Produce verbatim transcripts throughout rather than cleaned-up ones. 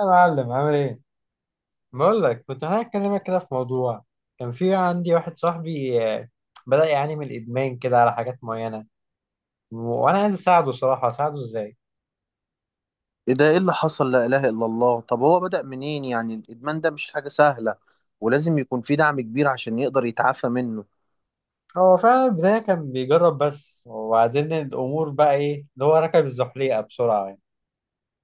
يا معلم عامل ايه؟ بقول لك كنت انا هكلمك كده في موضوع. كان في عندي واحد صاحبي آه، بدأ يعاني من الادمان كده على حاجات معينة. وانا عايز اساعده صراحة، اساعده ازاي؟ ايه ده، ايه اللي حصل؟ لا اله الا الله. طب هو بدأ منين يعني؟ الادمان ده مش حاجة سهلة، ولازم يكون في دعم كبير عشان يقدر يتعافى منه. هو فعلا البداية كان بيجرب بس، وبعدين الامور بقى ايه اللي هو ركب الزحليقة بسرعة يعني.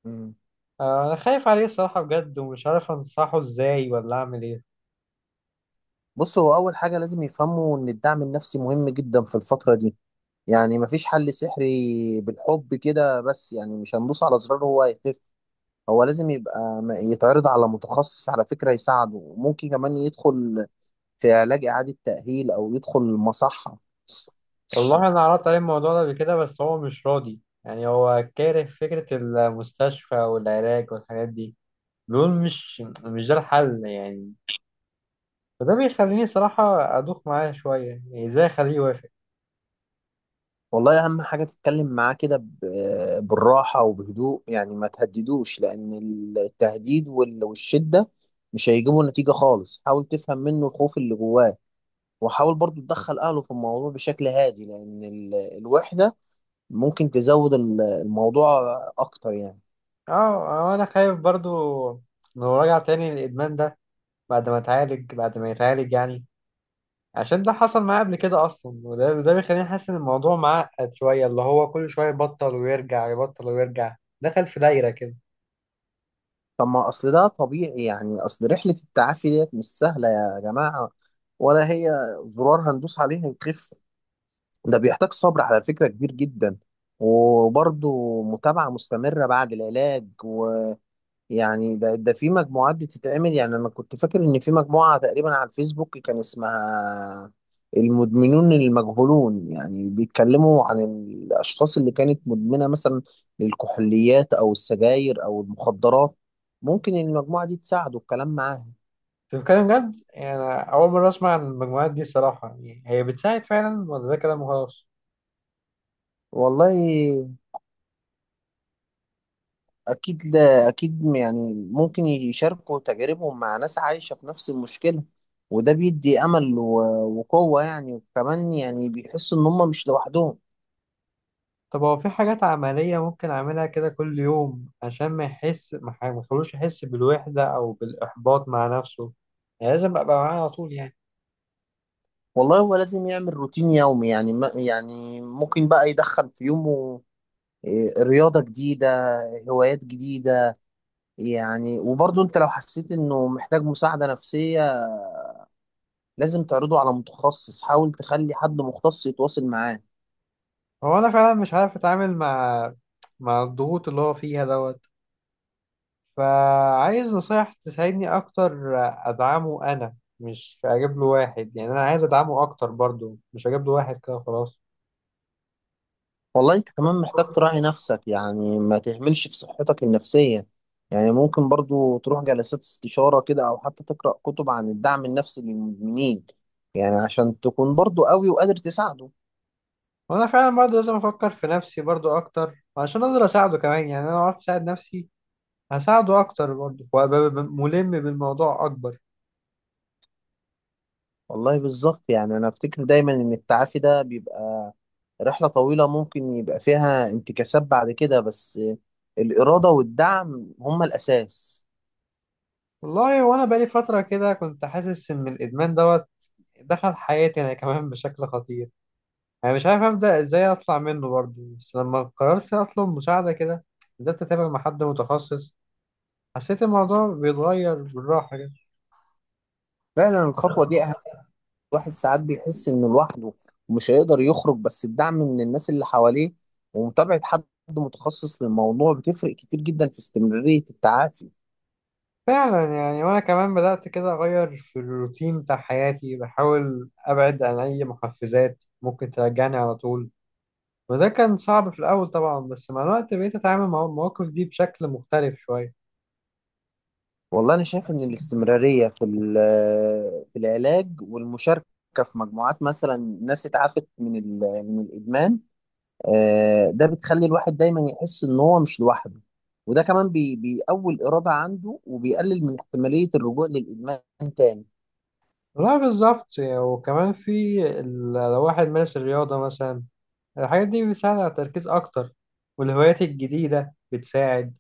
مم. آه، انا خايف عليه الصراحة بجد، ومش عارف انصحه ازاي ولا اعمل ايه. بص، هو اول حاجة لازم يفهموا ان الدعم النفسي مهم جدا في الفترة دي. يعني مفيش حل سحري بالحب كده، بس يعني مش هندوس على زرار هو هيخف. هو لازم يبقى م- يتعرض على متخصص على فكرة يساعده، وممكن كمان يدخل في علاج إعادة تأهيل أو يدخل مصحة. والله انا عرضت عليه الموضوع ده قبل كده، بس هو مش راضي. يعني هو كاره فكرة المستشفى والعلاج والحاجات دي، دول مش مش ده الحل يعني. فده بيخليني صراحة أدوخ معاه شوية، يعني إزاي أخليه يوافق؟ والله اهم حاجه تتكلم معاه كده ب- بالراحه وبهدوء، يعني ما تهددوش، لان التهديد وال- والشده مش هيجيبوا نتيجه خالص. حاول تفهم منه الخوف اللي جواه، وحاول برضو تدخل اهله في الموضوع بشكل هادي، لان ال- الوحده ممكن تزود ال- الموضوع اكتر يعني. أه آه، أنا خايف برضو لو رجع تاني للإدمان ده بعد ما اتعالج، بعد ما يتعالج يعني عشان ده حصل معاه قبل كده أصلا. وده ده بيخليني حاسس إن الموضوع معقد شوية، اللي هو كل شوية يبطل ويرجع، يبطل ويرجع. دخل في دايرة كده. طب ما اصل ده طبيعي، يعني اصل رحله التعافي ديت مش سهله يا جماعه، ولا هي زرار هندوس عليه هيخف. ده بيحتاج صبر على فكرة كبير جدا، وبرضه متابعة مستمرة بعد العلاج. ويعني ده ده في مجموعات بتتعمل. يعني أنا كنت فاكر إن في مجموعة تقريبا على الفيسبوك كان اسمها المدمنون المجهولون، يعني بيتكلموا عن الأشخاص اللي كانت مدمنة مثلا للكحوليات أو السجاير أو المخدرات. ممكن المجموعة دي تساعده الكلام معاها. أنت بتتكلم جد؟ يعني أنا أول مرة أسمع عن المجموعات دي صراحة، يعني هي بتساعد فعلا ولا ده كلام وخلاص؟ والله أكيد، لا أكيد، يعني ممكن يشاركوا تجاربهم مع ناس عايشة في نفس المشكلة، وده بيدي أمل و- وقوة يعني. وكمان يعني بيحسوا إن هم مش لوحدهم. طب هو في حاجات عملية ممكن أعملها كده كل يوم، عشان ما يحس، ما ح- ما يخلوش يحس بالوحدة أو بالإحباط مع نفسه؟ يعني لازم أبقى معاه على طول يعني؟ والله هو لازم يعمل روتين يومي، يعني ما يعني ممكن بقى يدخل في يومه إيه، رياضة جديدة، هوايات جديدة. يعني وبرضه أنت لو حسيت إنه محتاج مساعدة نفسية لازم تعرضه على متخصص، حاول تخلي حد مختص يتواصل معاه. هو أنا فعلا مش عارف أتعامل مع، مع الضغوط اللي هو فيها دوت، فعايز نصايح تساعدني أكتر أدعمه، أنا مش أجيب له واحد. يعني أنا عايز أدعمه أكتر برضو، مش أجيب له واحد كده خلاص. والله انت كمان محتاج تراعي نفسك، يعني ما تهملش في صحتك النفسية. يعني ممكن برضو تروح جلسات استشارة كده، او حتى تقرأ كتب عن الدعم النفسي للمدمنين، يعني عشان تكون برضو قوي وقادر تساعده. وأنا فعلا برضو لازم أفكر في نفسي برضو أكتر، عشان أقدر أساعده كمان. يعني أنا لو عرفت أساعد نفسي هساعده اكتر برضه، وابقى ب- ملم بالموضوع اكبر. والله بالظبط. يعني انا افتكر دايما ان التعافي ده بيبقى رحلة طويلة، ممكن يبقى فيها انتكاسات بعد كده، بس الإرادة والدعم هما الأساس. والله وانا بقالي فتره كده كنت حاسس ان الادمان دوت دخل حياتي انا كمان بشكل خطير. انا مش عارف ابدا ازاي اطلع منه برضه، بس لما قررت اطلب مساعده كده، بدات اتابع مع حد متخصص، حسيت الموضوع بيتغير بالراحه كده. فعلا الخطوة دي، الواحد ساعات بيحس انه لوحده ومش هيقدر يخرج، بس الدعم من الناس اللي حواليه ومتابعة حد متخصص للموضوع بتفرق كتير جدا في استمرارية التعافي. فعلا يعني، وانا كمان بدات كده اغير في الروتين بتاع حياتي، بحاول ابعد عن اي محفزات ممكن ترجعني على طول. وده كان صعب في الأول طبعا، بس مع الوقت بقيت أتعامل مع المواقف دي بشكل مختلف شوية. والله انا شايف ان الاستمرارية في ال- في العلاج والمشاركة في مجموعات مثلا ناس اتعافت من ال- من الادمان، آه، ده بتخلي الواحد دايما يحس ان هو مش لوحده، وده كمان بي- بيقوي الإرادة عنده وبيقلل من احتمالية الرجوع للإدمان تاني. لا بالظبط يعني، وكمان في ال- لو واحد مارس الرياضة مثلا، الحاجات دي بتساعد على التركيز أكتر، والهوايات الجديدة بتساعد.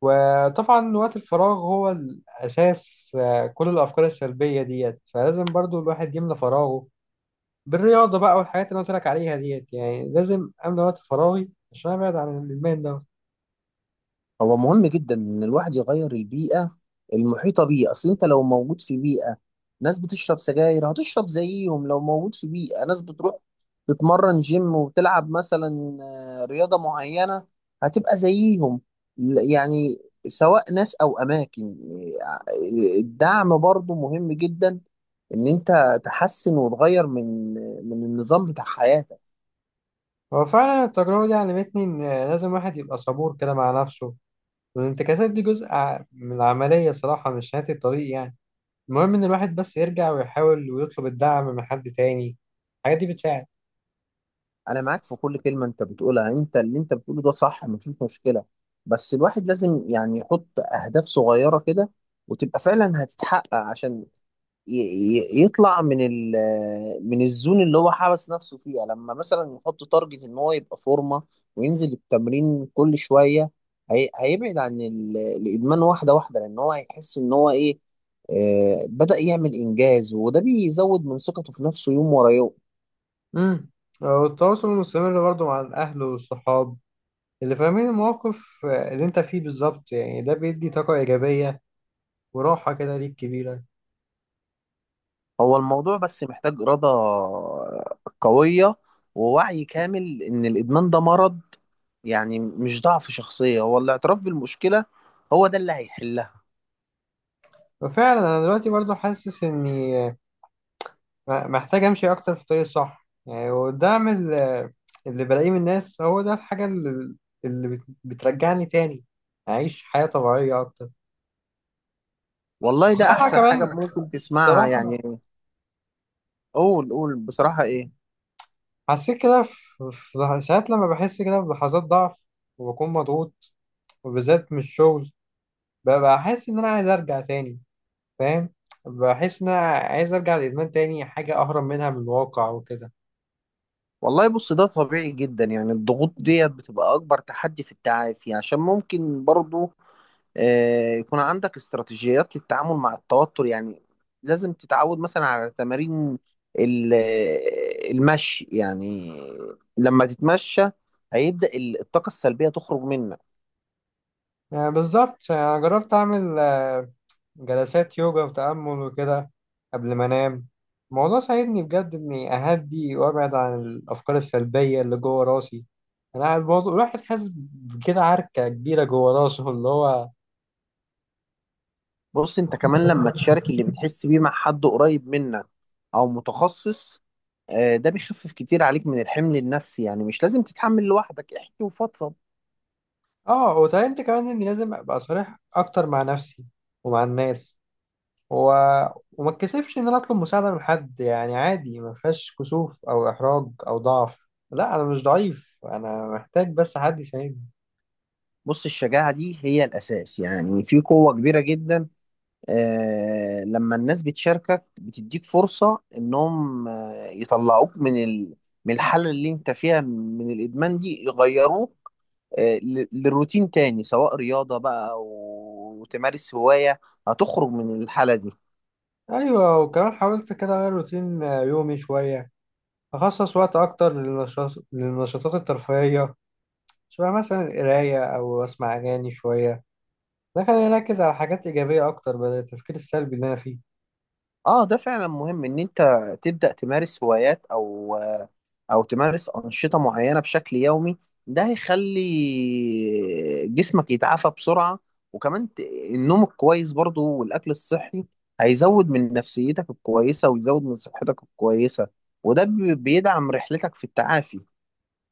وطبعا وقت الفراغ هو الأساس آه، كل الأفكار السلبية ديت، فلازم برضو الواحد يملى فراغه بالرياضة بقى، والحاجات اللي أنا قلت لك عليها ديت. يعني لازم أملى وقت فراغي عشان أبعد عن الإدمان ده. هو مهم جدا ان الواحد يغير البيئه المحيطه بيه. اصل انت لو موجود في بيئه ناس بتشرب سجاير هتشرب زيهم، لو موجود في بيئه ناس بتروح تتمرن جيم وتلعب مثلا آه، رياضه معينه هتبقى زيهم. ل- يعني سواء ناس او اماكن، آه، الدعم برضو مهم جدا، ان انت تحسن وتغير من آه، من النظام بتاع حياتك. هو فعلا التجربة دي علمتني إن لازم الواحد يبقى صبور كده مع نفسه، والانتكاسات دي جزء ع- من العملية صراحة، مش نهاية الطريق يعني. المهم إن الواحد بس يرجع ويحاول، ويطلب الدعم من حد تاني. الحاجات دي بتساعد. انا معاك في كل كلمه انت بتقولها. انت اللي انت بتقوله ده صح، مفيش مشكله، بس الواحد لازم يعني يحط اهداف صغيره كده وتبقى فعلا هتتحقق، عشان ي- ي- يطلع من ال، من الزون اللي هو حبس نفسه فيها. لما مثلا يحط تارجت ان هو يبقى فورمه وينزل التمرين كل شويه، هي هيبعد عن ال- الادمان واحده واحده، لان هو هيحس ان هو ايه، آه، بدأ يعمل انجاز، وده بيزود من ثقته في نفسه يوم ورا يوم. امم والتواصل المستمر برضه مع الأهل والصحاب اللي فاهمين المواقف اللي أنت فيه بالظبط، يعني ده بيدي طاقة إيجابية وراحة كده ليك كبيرة. هو الموضوع بس محتاج إرادة قوية، ووعي كامل إن الإدمان ده مرض، يعني مش ضعف شخصية. هو الاعتراف بالمشكلة هو ده اللي هيحلها. وفعلا أنا دلوقتي برضه حاسس إني م- محتاج امشي اكتر في الطريق الصح يعني، وده من ال- اللي بلاقيه من الناس. هو ده الحاجة اللي, اللي بت- بترجعني تاني اعيش حياة طبيعية اكتر. والله ده بصراحة أحسن حاجة كمان، ممكن تسمعها بصراحة يعني. قول، قول بصراحة إيه. حسيت كده في، في لح- ساعات لما بحس كده بلحظات ضعف، وبكون مضغوط، وبالذات من الشغل، ب- بحس ان انا عايز ارجع تاني، فاهم؟ بحس ان انا عايز ارجع للادمان تاني، حاجة اهرب منها من الواقع وكده. والله بص، ده طبيعي جدا. يعني الضغوط ديت بتبقى أكبر تحدي في التعافي، عشان ممكن برضو آه، يكون عندك استراتيجيات للتعامل مع التوتر. يعني لازم تتعود مثلا على تمارين ال- آه، المشي يعني، لما تتمشى هيبدأ ال- الطاقة السلبية تخرج منك. يعني بالظبط، انا جربت اعمل جلسات يوجا وتأمل وكده قبل ما أنام. الموضوع ساعدني بجد إني أهدي وأبعد عن الأفكار السلبية اللي جوه راسي. أنا الموضوع الواحد حاسس بكده عركة كبيرة جوه راسه اللي هو. بص انت كمان لما تشارك اللي بتحس بيه مع حد قريب منك او متخصص، آه، ده بيخفف كتير عليك من الحمل النفسي. يعني مش لازم تتحمل لوحدك، احكي وفضفض. آه، وتعلمت كمان إني لازم أبقى صريح أكتر مع نفسي ومع الناس، و... وما اتكسفش إن أنا أطلب مساعدة من حد. يعني عادي، ما فيهاش كسوف أو إحراج أو ضعف. لا أنا مش ضعيف، أنا محتاج بس حد يساعدني. بص الشجاعة دي هي الأساس، يعني في قوة كبيرة جدا. آه لما الناس بتشاركك بتديك فرصة إنهم آه يطلعوك من ال، من الحالة اللي أنت فيها من الإدمان دي يغيروه آه ل- للروتين تاني، سواء رياضة بقى أو تمارس هواية هتخرج من الحالة دي. ايوه، وكمان حاولت كده اغير روتين آه، يومي شويه، اخصص وقت اكتر للنشاط، للنشاطات الترفيهيه، شبه مثلا القرايه او اسمع اغاني شويه. ده خلاني اركز على حاجات ايجابيه اكتر، بدل التفكير السلبي اللي انا فيه. اه ده فعلا مهم ان انت تبدأ تمارس هوايات او او تمارس أنشطة معينة بشكل يومي، ده هيخلي جسمك يتعافى بسرعة. وكمان ت- النوم الكويس برضو والاكل الصحي هيزود من نفسيتك الكويسة ويزود من صحتك الكويسة، وده بي- بيدعم رحلتك في التعافي.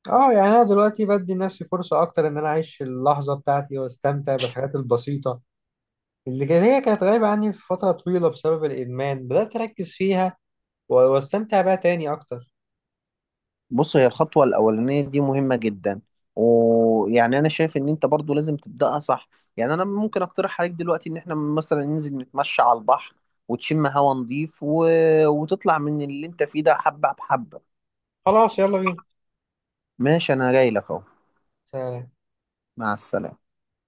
اه يعني انا دلوقتي بدي لنفسي فرصه اكتر ان انا اعيش اللحظه بتاعتي، واستمتع بالحاجات البسيطه اللي كان- هي كانت غايبه عني في فتره طويله بسبب الادمان. بدات اركز فيها و- واستمتع بيها تاني اكتر. بص هي الخطوة الأولانية دي مهمة جدا، ويعني أنا شايف إن أنت برضو لازم تبدأها صح. يعني أنا ممكن أقترح عليك دلوقتي إن إحنا مثلا ننزل نتمشى على البحر، وتشم هوا نضيف، و، وتطلع من اللي أنت فيه ده حبة بحبة. خلاص يلا بينا. ماشي، أنا جاي لك أهو. سلام. مع السلامة.